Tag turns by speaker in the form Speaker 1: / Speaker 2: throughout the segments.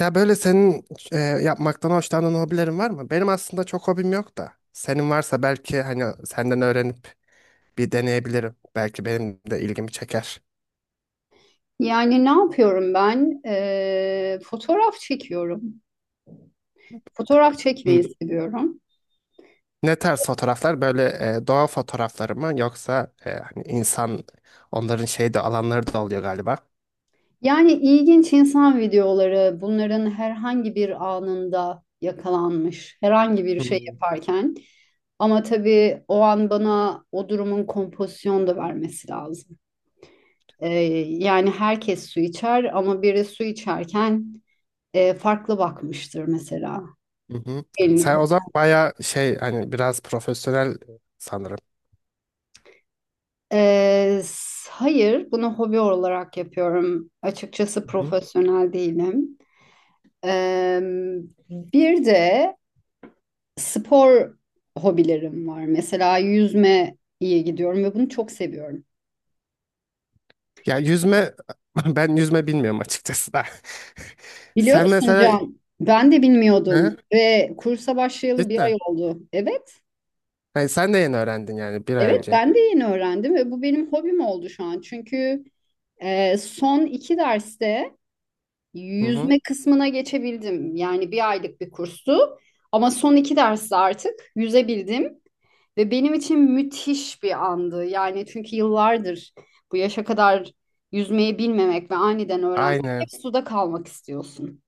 Speaker 1: Ya böyle senin yapmaktan hoşlandığın hobilerin var mı? Benim aslında çok hobim yok da. Senin varsa belki hani senden öğrenip bir deneyebilirim. Belki benim de ilgimi çeker.
Speaker 2: Yani ne yapıyorum ben? Fotoğraf çekiyorum. Fotoğraf çekmeyi
Speaker 1: Hmm.
Speaker 2: seviyorum.
Speaker 1: Ne tarz fotoğraflar? Böyle doğa fotoğrafları mı yoksa hani insan onların şey de alanları da oluyor galiba.
Speaker 2: Yani ilginç insan videoları bunların herhangi bir anında yakalanmış, herhangi bir şey
Speaker 1: Hmm.
Speaker 2: yaparken. Ama tabii o an bana o durumun kompozisyonu da vermesi lazım. Ee, Yani herkes su içer ama biri su içerken farklı bakmıştır mesela.
Speaker 1: Hı hı.
Speaker 2: Elini
Speaker 1: Sen o zaman bayağı şey hani biraz profesyonel sanırım.
Speaker 2: hayır, bunu hobi olarak yapıyorum. Açıkçası
Speaker 1: Hı.
Speaker 2: profesyonel değilim. Ee, bir de spor hobilerim var. Mesela yüzme iyi gidiyorum ve bunu çok seviyorum.
Speaker 1: Ya yüzme ben yüzme bilmiyorum açıkçası da.
Speaker 2: Biliyor
Speaker 1: Sen
Speaker 2: musun
Speaker 1: mesela
Speaker 2: Can? Ben de bilmiyordum
Speaker 1: ne?
Speaker 2: ve kursa başlayalı bir
Speaker 1: Cidden.
Speaker 2: ay oldu. Evet,
Speaker 1: Hayır, sen de yeni öğrendin yani bir ay
Speaker 2: evet,
Speaker 1: önce.
Speaker 2: ben de yeni öğrendim ve bu benim hobim oldu şu an. Çünkü son iki derste
Speaker 1: Hı hı.
Speaker 2: yüzme kısmına geçebildim. Yani bir aylık bir kurstu. Ama son iki derste artık yüzebildim. Ve benim için müthiş bir andı. Yani çünkü yıllardır bu yaşa kadar yüzmeyi bilmemek ve aniden öğrenmek hep
Speaker 1: Aynen.
Speaker 2: suda kalmak istiyorsun.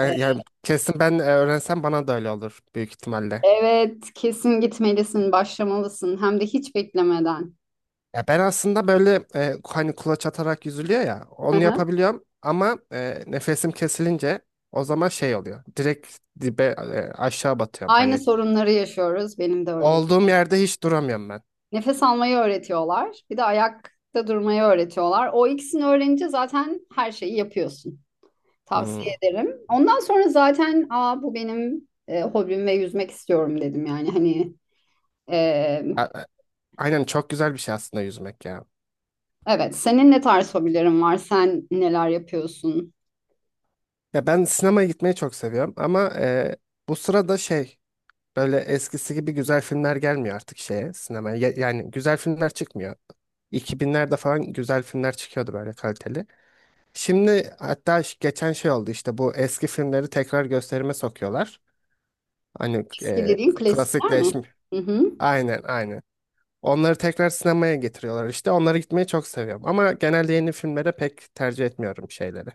Speaker 2: E,
Speaker 1: Yani kesin ben öğrensem bana da öyle olur büyük ihtimalle.
Speaker 2: Evet, kesin gitmelisin, başlamalısın. Hem de hiç beklemeden.
Speaker 1: Ya ben aslında böyle hani kulaç atarak yüzülüyor ya
Speaker 2: Hı
Speaker 1: onu
Speaker 2: hı.
Speaker 1: yapabiliyorum ama nefesim kesilince o zaman şey oluyor. Direkt dibe aşağı batıyorum
Speaker 2: Aynı
Speaker 1: hani.
Speaker 2: sorunları yaşıyoruz. Benim de öyle.
Speaker 1: Olduğum yerde hiç duramıyorum ben.
Speaker 2: Nefes almayı öğretiyorlar. Bir de ayakta durmayı öğretiyorlar. O ikisini öğrenince zaten her şeyi yapıyorsun.
Speaker 1: Hmm.
Speaker 2: Tavsiye ederim. Ondan sonra zaten aa, bu benim hobim ve yüzmek istiyorum dedim yani hani. e,
Speaker 1: A- a- Aynen çok güzel bir şey aslında yüzmek ya.
Speaker 2: evet, senin ne tarz hobilerin var, sen neler yapıyorsun?
Speaker 1: Ya ben sinemaya gitmeyi çok seviyorum ama bu sırada şey böyle eskisi gibi güzel filmler gelmiyor artık şeye, sinemaya. Yani güzel filmler çıkmıyor. 2000'lerde falan güzel filmler çıkıyordu böyle kaliteli. Şimdi hatta geçen şey oldu işte bu eski filmleri tekrar gösterime sokuyorlar. Hani
Speaker 2: Eski dediğin klasikler mi?
Speaker 1: klasikleşme.
Speaker 2: Hı hı.
Speaker 1: Aynen aynen. Onları tekrar sinemaya getiriyorlar işte. Onlara gitmeyi çok seviyorum. Ama genelde yeni filmlere pek tercih etmiyorum şeyleri.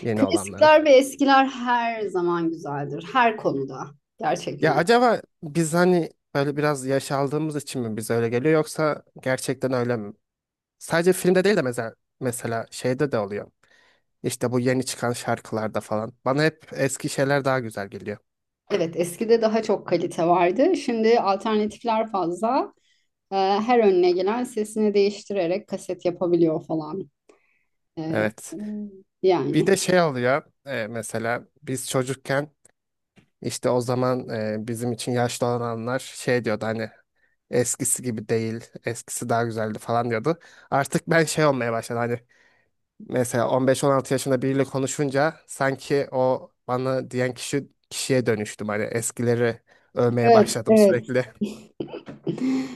Speaker 1: Yeni olanları.
Speaker 2: Klasikler ve eskiler her zaman güzeldir her konuda
Speaker 1: Ya
Speaker 2: gerçekten.
Speaker 1: acaba biz hani böyle biraz yaş aldığımız için mi bize öyle geliyor yoksa gerçekten öyle mi? Sadece filmde değil de mesela şeyde de oluyor. İşte bu yeni çıkan şarkılarda falan. Bana hep eski şeyler daha güzel geliyor.
Speaker 2: Evet, eskide daha çok kalite vardı. Şimdi alternatifler fazla. Her önüne gelen sesini değiştirerek kaset yapabiliyor falan. Ee,
Speaker 1: Evet. Bir
Speaker 2: yani.
Speaker 1: de şey oluyor mesela biz çocukken işte o zaman bizim için yaşlı olanlar şey diyordu hani eskisi gibi değil, eskisi daha güzeldi falan diyordu. Artık ben şey olmaya başladı hani. Mesela 15-16 yaşında biriyle konuşunca sanki o bana diyen kişiye dönüştüm. Hani eskileri övmeye
Speaker 2: Evet,
Speaker 1: başladım
Speaker 2: evet.
Speaker 1: sürekli.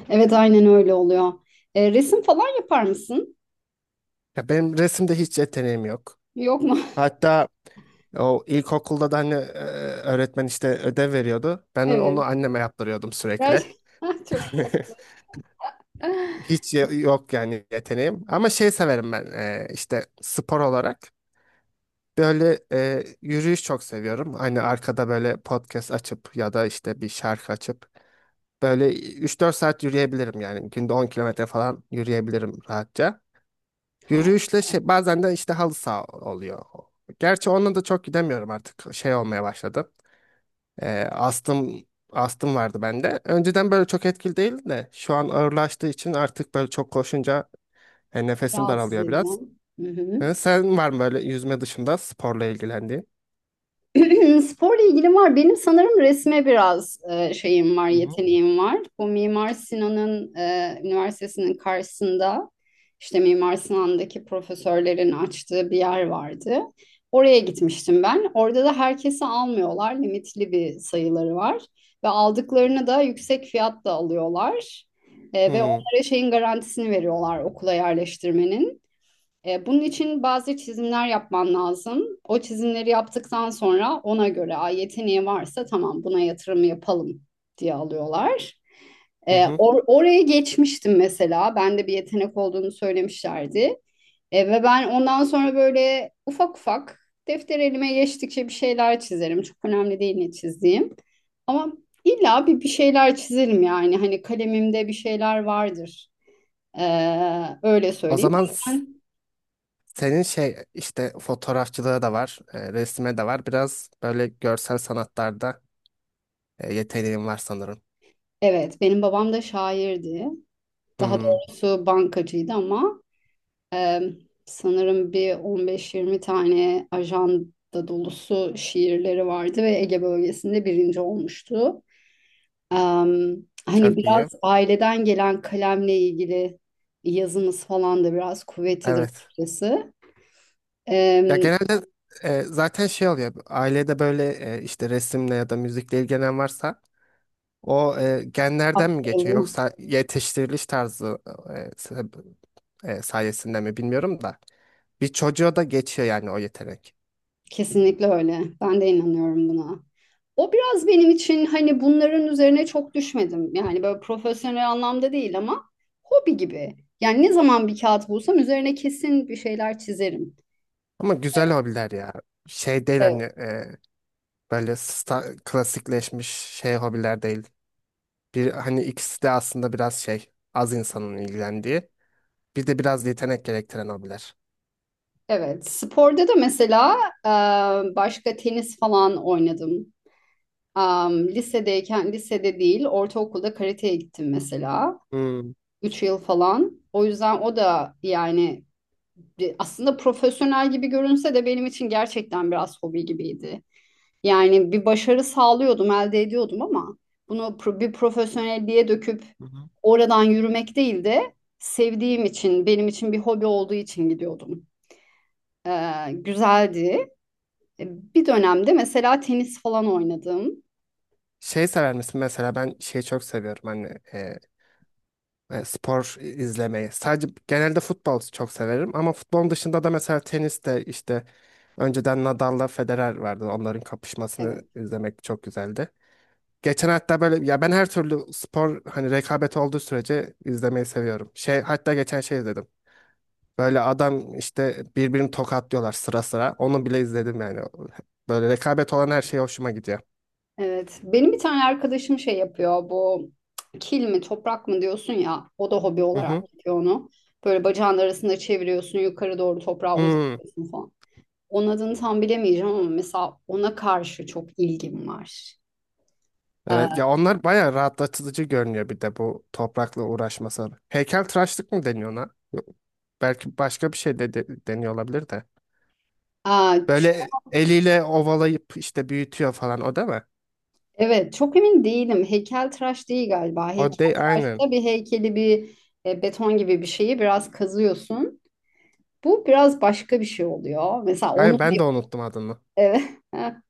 Speaker 2: Evet, aynen öyle oluyor. Resim falan yapar mısın?
Speaker 1: Ya benim resimde hiç yeteneğim yok.
Speaker 2: Yok mu?
Speaker 1: Hatta o ilkokulda da hani öğretmen işte ödev veriyordu. Ben onu
Speaker 2: Evet.
Speaker 1: anneme yaptırıyordum sürekli.
Speaker 2: Gerçekten çok tatlı.
Speaker 1: Hiç yok yani yeteneğim. Ama şey severim ben işte spor olarak. Böyle yürüyüş çok seviyorum. Hani arkada böyle podcast açıp ya da işte bir şarkı açıp böyle 3-4 saat yürüyebilirim yani. Günde 10 kilometre falan yürüyebilirim rahatça.
Speaker 2: Harika,
Speaker 1: Yürüyüşle şey, bazen de işte halı saha oluyor. Gerçi onunla da çok gidemiyorum artık. Şey olmaya başladı. Ee, astım astım vardı bende. Önceden böyle çok etkili değil de şu an ağırlaştığı için artık böyle çok koşunca nefesim
Speaker 2: rahatsız
Speaker 1: daralıyor biraz.
Speaker 2: ediyorum. Hı hı.
Speaker 1: Sen var mı böyle yüzme dışında sporla ilgilendiğin?
Speaker 2: Sporla ilgili var. Benim sanırım resme biraz şeyim var,
Speaker 1: Hı hı.
Speaker 2: yeteneğim var. Bu Mimar Sinan'ın üniversitesinin karşısında işte Mimar Sinan'daki profesörlerin açtığı bir yer vardı. Oraya gitmiştim ben. Orada da herkesi almıyorlar. Limitli bir sayıları var. Ve aldıklarını da yüksek fiyatla alıyorlar.
Speaker 1: Hı
Speaker 2: Ve
Speaker 1: hı.
Speaker 2: onlara şeyin garantisini veriyorlar, okula yerleştirmenin. Bunun için bazı çizimler yapman lazım. O çizimleri yaptıktan sonra ona göre, "Aa, yeteneği varsa tamam, buna yatırım yapalım" diye alıyorlar. E,
Speaker 1: Hı hı.
Speaker 2: or- oraya geçmiştim mesela. Bende bir yetenek olduğunu söylemişlerdi. Ve ben ondan sonra böyle ufak ufak, defter elime geçtikçe bir şeyler çizerim. Çok önemli değil ne çizdiğim. Ama illa bir şeyler çizerim yani. Hani kalemimde bir şeyler vardır. Öyle
Speaker 1: O
Speaker 2: söyleyeyim.
Speaker 1: zaman senin şey işte fotoğrafçılığı da var, resime de var. Biraz böyle görsel sanatlarda yeteneğin var sanırım.
Speaker 2: Evet, benim babam da şairdi. Daha
Speaker 1: Hmm,
Speaker 2: doğrusu bankacıydı ama e, sanırım bir 15-20 tane ajanda dolusu şiirleri vardı ve Ege bölgesinde birinci olmuştu. Em, hani
Speaker 1: çok
Speaker 2: biraz
Speaker 1: iyi.
Speaker 2: aileden gelen kalemle ilgili yazımız falan da biraz kuvvetlidir
Speaker 1: Evet.
Speaker 2: açıkçası.
Speaker 1: Ya
Speaker 2: Em,
Speaker 1: genelde zaten şey oluyor. Ailede böyle işte resimle ya da müzikle ilgilenen varsa o genlerden mi geçiyor
Speaker 2: aktarılıyor.
Speaker 1: yoksa yetiştiriliş tarzı e, sebe- sayesinde mi bilmiyorum da bir çocuğa da geçiyor yani o yetenek.
Speaker 2: Kesinlikle öyle. Ben de inanıyorum buna. O biraz benim için, hani bunların üzerine çok düşmedim. Yani böyle profesyonel anlamda değil ama hobi gibi. Yani ne zaman bir kağıt bulsam üzerine kesin bir şeyler çizerim.
Speaker 1: Ama güzel hobiler ya. Şey değil
Speaker 2: Evet,
Speaker 1: hani böyle klasikleşmiş şey hobiler değil. Bir hani ikisi de aslında biraz şey az insanın ilgilendiği. Bir de biraz yetenek gerektiren hobiler.
Speaker 2: evet. Sporda da mesela başka tenis falan oynadım. Am, lisedeyken lisede değil, ortaokulda karateye gittim mesela.
Speaker 1: Hmm.
Speaker 2: 3 yıl falan. O yüzden o da yani aslında profesyonel gibi görünse de benim için gerçekten biraz hobi gibiydi. Yani bir başarı sağlıyordum, elde ediyordum, ama bunu bir profesyonelliğe döküp oradan yürümek değil de, sevdiğim için, benim için bir hobi olduğu için gidiyordum. Güzeldi. E, Bir dönemde mesela tenis falan oynadım.
Speaker 1: Şey sever misin? Mesela ben şeyi çok seviyorum hani e, spor izlemeyi. Sadece genelde futbol çok severim ama futbolun dışında da mesela tenis de işte önceden Nadal'la Federer vardı. Onların kapışmasını
Speaker 2: Evet.
Speaker 1: izlemek çok güzeldi. Geçen hatta böyle ya ben her türlü spor hani rekabet olduğu sürece izlemeyi seviyorum. Şey hatta geçen şey izledim. Böyle adam işte birbirini tokatlıyorlar sıra sıra. Onu bile izledim yani. Böyle rekabet olan her şey hoşuma gidiyor.
Speaker 2: Evet. Benim bir tane arkadaşım şey yapıyor. Bu kil mi toprak mı diyorsun ya. O da hobi
Speaker 1: Hı
Speaker 2: olarak
Speaker 1: hı.
Speaker 2: yapıyor onu. Böyle bacağın arasında çeviriyorsun, yukarı doğru toprağa
Speaker 1: Hmm.
Speaker 2: uzatıyorsun falan. Onun adını tam bilemeyeceğim ama mesela ona karşı çok ilgim var. Ee,
Speaker 1: Evet, ya onlar bayağı rahatlatıcı görünüyor bir de bu toprakla uğraşması. Heykeltıraşlık mı deniyor ona? Yok, belki başka bir şey de deniyor olabilir de.
Speaker 2: aa, ç-
Speaker 1: Böyle eliyle ovalayıp işte büyütüyor falan o değil mi?
Speaker 2: evet çok emin değilim. Heykeltıraş değil galiba.
Speaker 1: O de aynen.
Speaker 2: Heykeltıraşta bir heykeli, bir beton gibi bir şeyi biraz kazıyorsun. Bu biraz başka bir şey oluyor. Mesela onu
Speaker 1: Aynen ben de unuttum adını.
Speaker 2: Evet.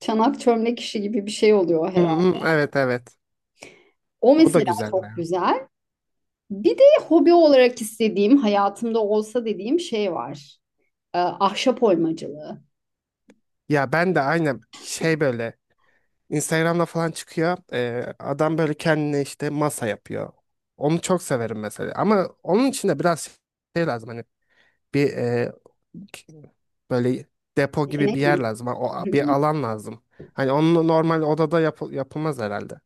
Speaker 2: Çanak çömlek işi gibi bir şey oluyor
Speaker 1: Hı
Speaker 2: herhalde.
Speaker 1: hı, evet evet.
Speaker 2: O
Speaker 1: O da
Speaker 2: mesela
Speaker 1: güzel be.
Speaker 2: çok güzel. Bir de hobi olarak istediğim, hayatımda olsa dediğim şey var. Ahşap oymacılığı.
Speaker 1: Ya ben de aynen şey böyle Instagram'da falan çıkıyor. Adam böyle kendine işte masa yapıyor. Onu çok severim mesela. Ama onun için de biraz şey lazım hani bir böyle depo gibi
Speaker 2: Yetenek
Speaker 1: bir
Speaker 2: mi?
Speaker 1: yer lazım. Ha, o, bir alan lazım. Hani onu normal odada yapılmaz herhalde.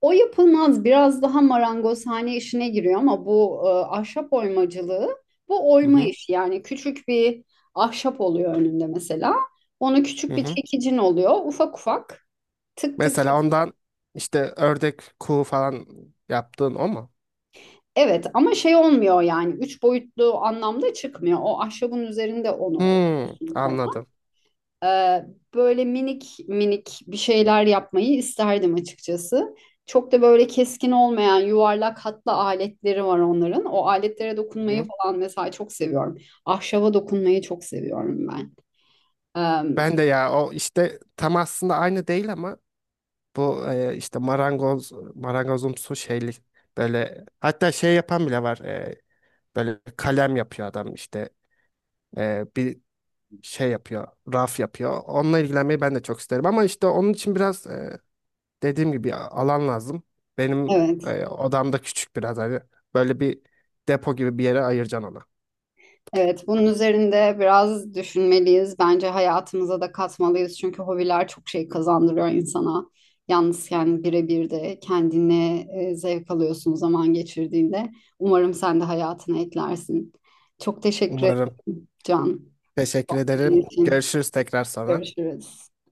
Speaker 2: O yapılmaz, biraz daha marangozhane işine giriyor, ama bu ahşap oymacılığı, bu
Speaker 1: Hı
Speaker 2: oyma
Speaker 1: hı.
Speaker 2: işi, yani küçük bir ahşap oluyor önünde mesela. Onu
Speaker 1: Hı
Speaker 2: küçük bir
Speaker 1: hı.
Speaker 2: çekicin oluyor, ufak ufak, tık tık.
Speaker 1: Mesela ondan işte ördek kuğu falan yaptığın o mu?
Speaker 2: Evet, ama şey olmuyor yani üç boyutlu anlamda çıkmıyor. O ahşabın üzerinde onu
Speaker 1: Hmm,
Speaker 2: oyuyorsun falan.
Speaker 1: anladım.
Speaker 2: Ee, böyle minik minik bir şeyler yapmayı isterdim açıkçası. Çok da böyle keskin olmayan, yuvarlak hatlı aletleri var onların. O aletlere
Speaker 1: Hı
Speaker 2: dokunmayı
Speaker 1: hı.
Speaker 2: falan mesela çok seviyorum. Ahşaba dokunmayı çok seviyorum ben. Ee,
Speaker 1: Ben de ya o işte tam aslında aynı değil ama bu işte marangozumsu şeyli böyle hatta şey yapan bile var böyle kalem yapıyor adam işte bir şey yapıyor, raf yapıyor. Onunla ilgilenmeyi ben de çok isterim ama işte onun için biraz dediğim gibi alan lazım. Benim
Speaker 2: evet.
Speaker 1: odam da küçük biraz hani böyle bir depo gibi bir yere ayıracaksın ona.
Speaker 2: Evet, bunun üzerinde biraz düşünmeliyiz. Bence hayatımıza da katmalıyız. Çünkü hobiler çok şey kazandırıyor insana. Yalnızken birebir de kendine zevk alıyorsun zaman geçirdiğinde. Umarım sen de hayatına eklersin. Çok teşekkür
Speaker 1: Umarım.
Speaker 2: ederim Can.
Speaker 1: Teşekkür
Speaker 2: Senin
Speaker 1: ederim.
Speaker 2: için.
Speaker 1: Görüşürüz tekrar sonra.
Speaker 2: Görüşürüz.